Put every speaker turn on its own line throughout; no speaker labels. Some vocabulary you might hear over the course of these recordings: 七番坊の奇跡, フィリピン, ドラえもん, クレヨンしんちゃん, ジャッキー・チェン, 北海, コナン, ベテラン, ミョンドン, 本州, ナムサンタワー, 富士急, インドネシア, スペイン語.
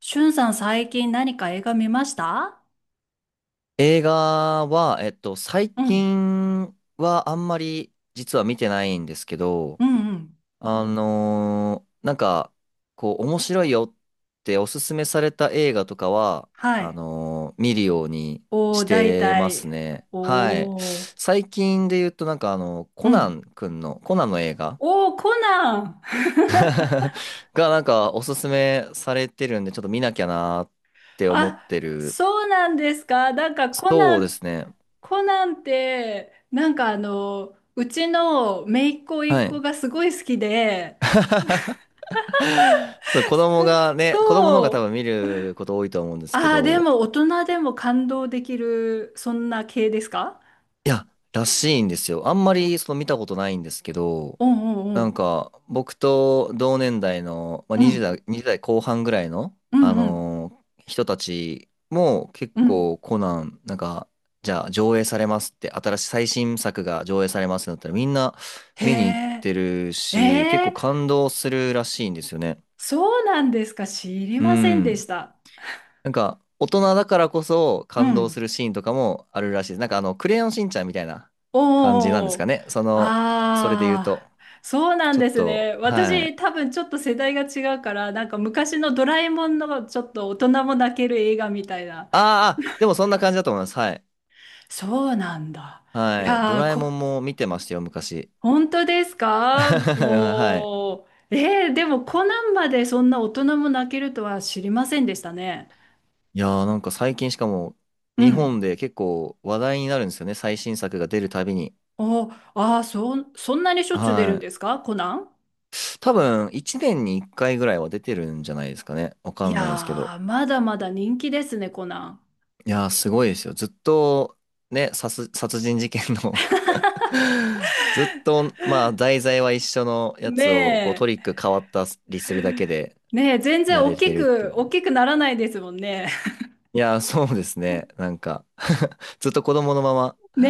しゅんさん、最近何か映画見ました？
映画は、最
うん。
近はあんまり実は見てないんですけど、
うんうん。
なんか、こう、面白いよっておすすめされた映画とかは、
はい。
見るように
お
し
ー、大
てます
体。
ね。はい。
おー。
最近で言うと、なんかあの、
うん。
コナンの映画
おー、コナン。
がなんかおすすめされてるんで、ちょっと見なきゃなーっ て思っ
あ、
てる。
そうなんですか。なんか
そうですね。
コナンって、なんかうちの姪っ子
は
一
い。
個がすごい好きで、
そう、子供の方が
そ
多
う。
分見ること多いと思うんですけ
ああ、で
ど、
も大人でも感動できる、そんな系ですか？
いや、らしいんですよ。あんまりその見たことないんですけど、
うんう
なん
ん
か僕と同年代の、まあ、
うん。うん。
20代後半ぐらいの、
うんうん。
人たちも結
うん。
構コナン、なんか、じゃあ上映されますって、新しい最新作が上映されますってなったらみんな見に行っ
へ
てる
え。え
し、結構
え、
感動するらしいんですよね。
そうなんですか。知り
う
ませんでし
ん。
た。
なんか、大人だからこそ
う
感動す
ん。
るシーンとかもあるらしいです。なんかあの、クレヨンしんちゃんみたいな感じなんで
お
すか
お。
ね。その、それで言う
ああ、
と。
そうなん
ちょっ
です
と、
ね。
は
私、
い。
多分ちょっと世代が違うから、なんか昔のドラえもんのちょっと大人も泣ける映画みたいな。
でもそんな感じだと思います。はい。
そうなんだ。い
はい。ド
やー、
ラえもんも見てましたよ、昔。
本当ですか、
はい。
もう。でもコナンまでそんな大人も泣けるとは知りませんでしたね。
いやーなんか最近しかも、
う
日本
ん。
で結構話題になるんですよね。最新作が出るたびに。
お、ああ、そんなにしょっちゅう出る
は
んで
い。
すかコナン？
多分、1年に1回ぐらいは出てるんじゃないですかね。わか
い
んないですけど。
やー、まだまだ人気ですね、コナ
いやー、すごいですよ。ずっと、ね、殺人事件の ずっと、まあ、題材は一緒のや
ン。ね
つを、こう、ト
え。
リック変わったりするだけで
ねえ、全然
やれてるってい
大
う。
きくならないですもんね。
いやー、そうですね。なんか ずっと子供のまま、
ね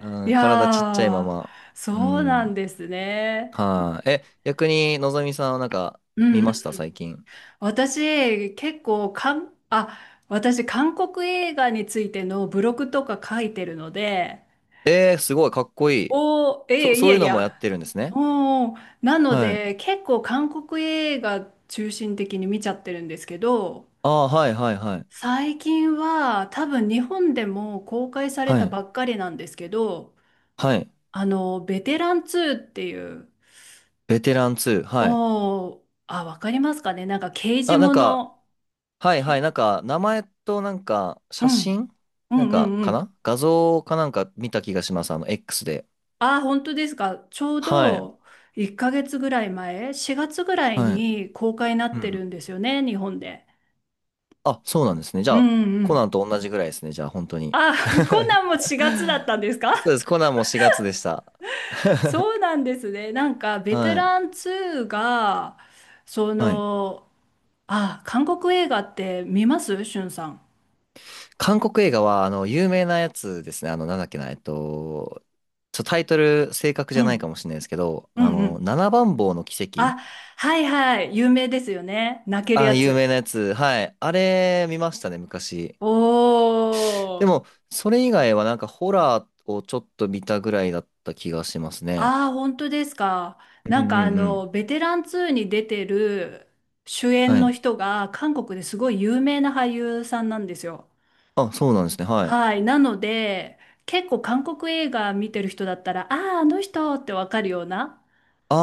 え。い
うん、体ちっちゃいま
やー、
ま。う
そうなん
ん。
ですね。
はい。え、逆に、のぞみさんはなんか、
うん
見
う
まし
ん。
た最近。
私、結構、かん、あ、私、韓国映画についてのブログとか書いてるので、
えー、すごい、かっこいい。
おー、ええ、い
そう
や
いう
い
のもやっ
や。
てるんですね。
おー、なの
はい。
で、結構韓国映画中心的に見ちゃってるんですけど、
ああ、はい、はい、はい。
最近は多分日本でも公開され
は
た
い。
ばっかりなんですけど、
はい。
ベテラン2っていう、
ベテラン2。はい。
おー、あ、わかりますかね、なんか刑事
あ、なん
も
か、
の、
はいは
け
い。なんか、名前となんか、
う
写
ん、
真
う
なん
んう
か、
んう
か
ん。
な画像かなんか見た気がします。あの、X で。
あ、本当ですか。ちょう
はい。
ど1ヶ月ぐらい前、4月ぐらい
はい。
に公開にな
う
って
ん。
るんですよね、日本で。
あ、そうなんですね。じゃ
う
あ、
んう
コナ
ん。
ンと同じぐらいですね。じゃあ、本当に。
あ、コナンも4月だったんですか？
そうです。コナンも4月でした。
そうなんですね。なんかベテ
は
ラ
い。
ン2が、そ
はい。
の、あ、韓国映画って見ますしゅんさん？
韓国映画は、あの、有名なやつですね。あの、なんだっけな、えっと、ちょ、タイトル正確
う
じゃないか
ん。
もしれないですけど、
う
あ
んう
の、
ん。
七番坊の奇跡。
あ、はいはい。有名ですよね。泣ける
あ、
や
有
つ。
名なやつ。はい。あれ、見ましたね、昔。
お
で
ー。
も、それ以外はなんかホラーをちょっと見たぐらいだった気がしますね。
ああ、本当ですか。
う
なん
んう
か
んうん。
ベテラン2に出てる主
は
演の
い。
人が韓国ですごい有名な俳優さんなんですよ。
あ、そうなんですね。はい。
はい。なので、結構韓国映画見てる人だったら、ああ、あの人ってわかるような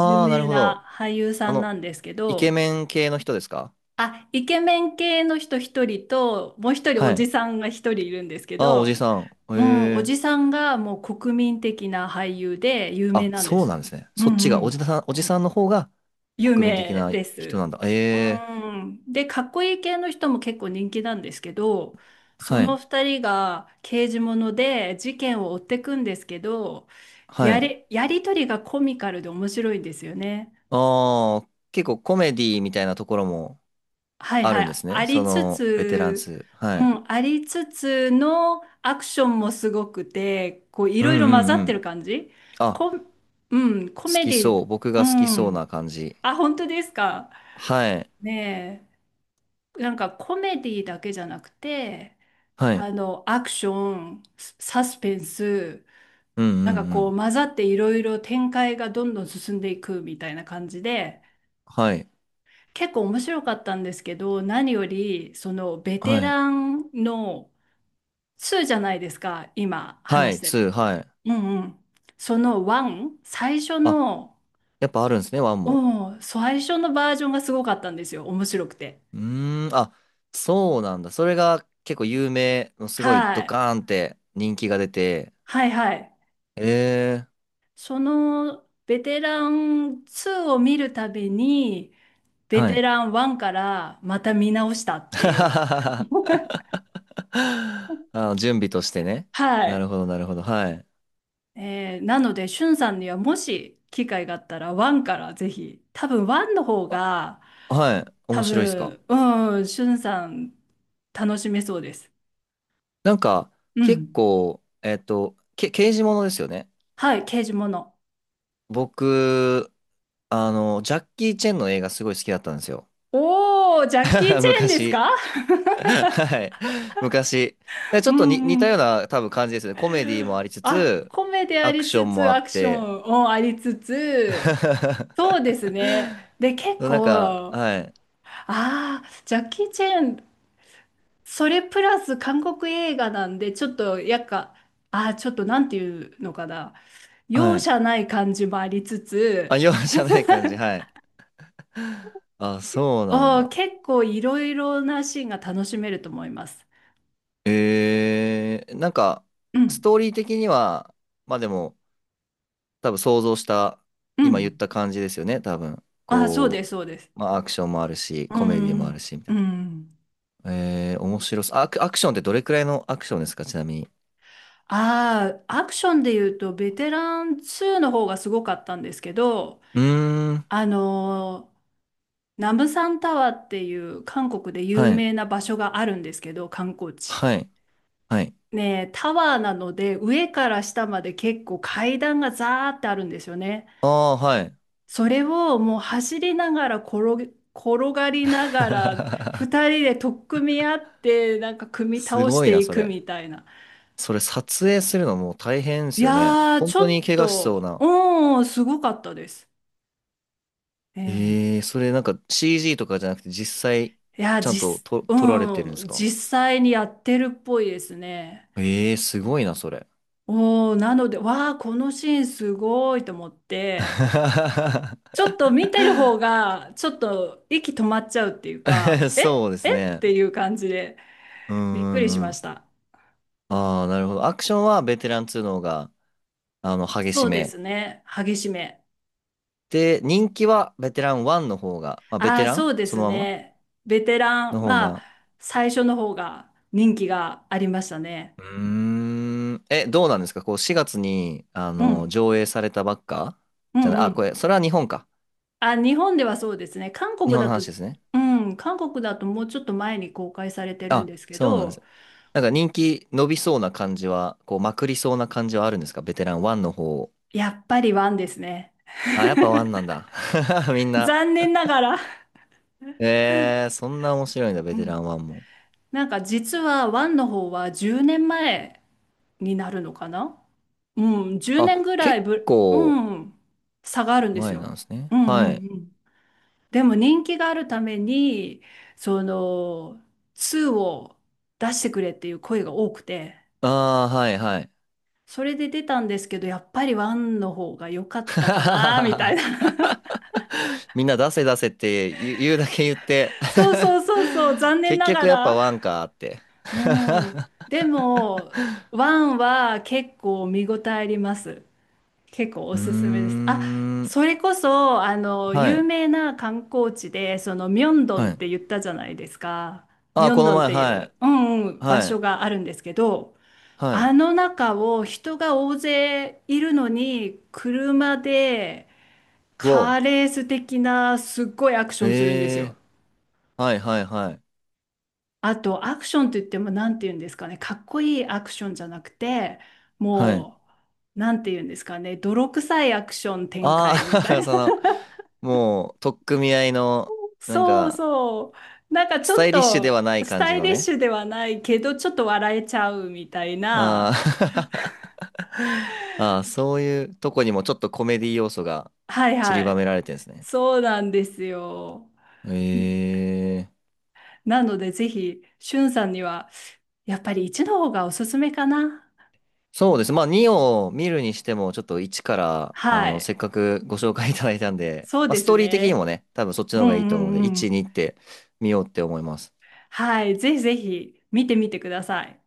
有
あ、なる
名
ほど。
な俳優さ
あ
ん
の、
なんですけ
イケ
ど、
メン系の人ですか？
あ、イケメン系の人一人と、もう一人お
は
じ
い。
さんが一人いるんですけ
ああ、おじ
ど、
さん。へ
うん、お
え。
じさんがもう国民的な俳優で有名
あ、
なんで
そう
す。
なんですね。
う
そっち
んう
が、
ん。
おじさんの方が
有
国民的
名
な
で
人な
す。
んだ。え
う
え。
ん。で、かっこいい系の人も結構人気なんですけど、そ
は
の
い。
二人が刑事もので事件を追っていくんですけど、
はい。
やりとりがコミカルで面白いんですよね。
ああ、結構コメディみたいなところも
はい
あ
は
るんで
い。
す
あ
ね。そ
りつ
の、ベテラン
つ、
2。は
う
い。
ん、ありつつのアクションもすごくて、こうい
うん
ろいろ混
う
ざ
んう
ってる
ん。
感じ。
あ、
こ、うん、コ
好
メ
き
デ
そ
ィ、
う。僕
う
が好きそうな
ん。
感じ。
あ、本当ですか。
はい。
ねえ。なんかコメディだけじゃなくて、
はい。
アクション、サスペンス、
うんう
なんか
んう
こ
ん。
う混ざっていろいろ展開がどんどん進んでいくみたいな感じで、
はい。
結構面白かったんですけど、何より、そのベ
は
テ
い。
ランの2じゃないですか、今
は
話し
い。
てる。
2。はい。
うんうん。その1、最初
あ、
の、
やっぱあるんですね、1も。
うん、最初のバージョンがすごかったんですよ、面白くて。
うーん。あ、そうなんだ。それが結構有名の、すごい
は
ド
い。
カーンって人気が出て。
はいはい。
えー。
そのベテラン2を見るたびに、ベ
は
テ
い。
ラン1からまた見直したっていう。
あの、準備としてね。
は
なる
い。
ほど、なるほど。はい。
なので、しゅんさんにはもし機会があったら、ワンからぜひ、多分ワンの方
あ、
が、
はい。
多
面白いっすか？
分、うん、しゅんさん楽しめそうです。
なんか、
う
結
ん。
構、刑事ものですよね。
はい、刑事もの。
僕、あの、ジャッキー・チェンの映画すごい好きだったんですよ。
おー、ジャッキー・ チェーンです
昔。
か？
はい。昔。で ち
う
ょっと
ん
に似
う
た
ん。
ような多分感じですよね。コメディもありつ
あ、
つ、
コメディあ
アク
り
ショ
つ
ンも
つ、
あ
ア
っ
クショ
て。
ン、もありつつ、そうですね。で、結
なん
構、
か、
あ
はい。
あ、ジャッキー・チェーン、それプラス韓国映画なんで、ちょっと、やっか、あー、ちょっとなんていうのかな。容
はい。
赦ない感じもありつつ、
あ、容赦ない感じ。はい。あ、そうなんだ。
結構いろいろなシーンが楽しめると思います。
えー、なんか、
う
ス
ん、
トーリー的には、まあでも、多分想像した、
う
今言っ
ん。
た感じですよね、多分。
あー、そうで
こ
す、そうです。
う、まあアクションもあるし、
う
コメディもあ
ん、
るし、み
う
たいな。
ん。
えー、面白そう。アクションってどれくらいのアクションですか、ちなみに。
ああ、アクションで言うと、ベテラン2の方がすごかったんですけど、
うーん、
あのーナムサンタワーっていう韓国で有
はい、
名な場所があるんですけど、観光地。
はい、はい。
ねえ、タワーなので上から下まで結構階段がザーってあるんですよね。
ああ、はい。
それをもう走りながら転がりながら 二人で取っ組み合ってなんか組み
す
倒し
ごい
て
な、
い
そ
く
れ。
みたいな。
それ撮影するのもう大変で
い
すよね。
やー、
本
ちょ
当に
っ
怪我しそう
と、
な。
うん、すごかったです。え
え
え、
ー、それなんか CG とかじゃなくて実際
いや、
ちゃんとと撮られてるんで
うん、
すか？
実際にやってるっぽいですね。
えー、すごいな、それ。
おー、なので、わー、このシーンすごいと思って、ち ょっと見てる方が、ちょっと息止まっちゃうっていう か、
そ
え
うです
えっ
ね。
ていう感じで、
う
びっくり
んう
し
んう
まし
ん。
た。
ああ、なるほど。アクションはベテラン2の方が、あの、激
そ
し
うで
め。
すね。激しめ。
で、人気はベテラン1の方が、まあ、ベ
あ
テ
あ、
ラ
そ
ン
うで
そ
す
のまま
ね。ベテラン、
の方
ま
が。
あ、最初の方が人気がありましたね。
うーん。え、どうなんですかこう、4月に、あ
う
の、
ん。
上映されたばっか
う
じゃな
ん
い、
う
あ、こ
ん。
れ、それは日本か。
あ、日本ではそうですね。韓
日
国
本の
だと、
話ですね。
うん、韓国だともうちょっと前に公開されてるん
あ、
ですけ
そうなんで
ど、
す。なんか人気伸びそうな感じは、こう、まくりそうな感じはあるんですかベテラン1の方。
やっぱりワンですね。
あ、やっぱ1なんだ。みんな。
残念ながら。
ええー、そんな面白いんだ、ベ
う
テラ
ん、
ンワンも。
なんか実は1の方は10年前になるのかな。うん、10
あ、
年ぐら
結
いう
構
ん、差があるんです
前なん
よ。
ですね。
うんうん
はい。
うん。でも人気があるために、その、2を出してくれっていう声が多くて、
ああ、はい、はい。
それで出たんですけど、やっぱり1の方が良かったかな、みたいな。
みんな出せ出せって言う、言うだけ言って
そうそうそうそう、残 念
結
なが
局やっぱ
ら。
ワンかーって
うん。でも、1は結構見応えあります。結構
う
お
ー
すすめです。あ、
ん。
それこそ、
は
有
い。
名な観光地で、ミョンドン
は
っ
い。
て言ったじゃないですか。ミ
あ、
ョ
こ
ン
の
ドンっ
前、
てい
は
う、う
い。
んうん、場
は
所
い。
があるんですけど、
は
あ
い。
の中を人が大勢いるのに、車で
う
カー
お。
レース的なすっごいアクションするんですよ。
ええー。はい、はい、はい。
あと、アクションといっても、なんて言うんですかね、かっこいいアクションじゃなくて、
はい。
もう、なんて言うんですかね、泥臭いアクション展
あ
開みたい
あ、
な、
その、もう、取っ組み合いの、なん
そう
か、
そう。なんかち
ス
ょ
タ
っ
イリッシュで
と
はない
ス
感じ
タイ
の
リッ
ね。
シュではないけど、ちょっと笑えちゃうみたい
あ
な。
ー。 あー、そういうとこにもちょっとコメディ要素が
はい
散
は
りばめ
い。
られてるんですね。
そうなんですよ。
ええ。
なのでぜひ、しゅんさんには、やっぱり一の方がおすすめかな。
そうです。まあ、2を見るにしても、ちょっと1から、
は
あの、
い。
せっかくご紹介いただいたんで、
そう
まあ、
で
ス
す
トーリー的にも
ね。
ね、多分そっちの
う
方
ん
がいいと思うの
う
で、1、
んうん。
2って見ようって思います。
はい。ぜひぜひ見てみてください。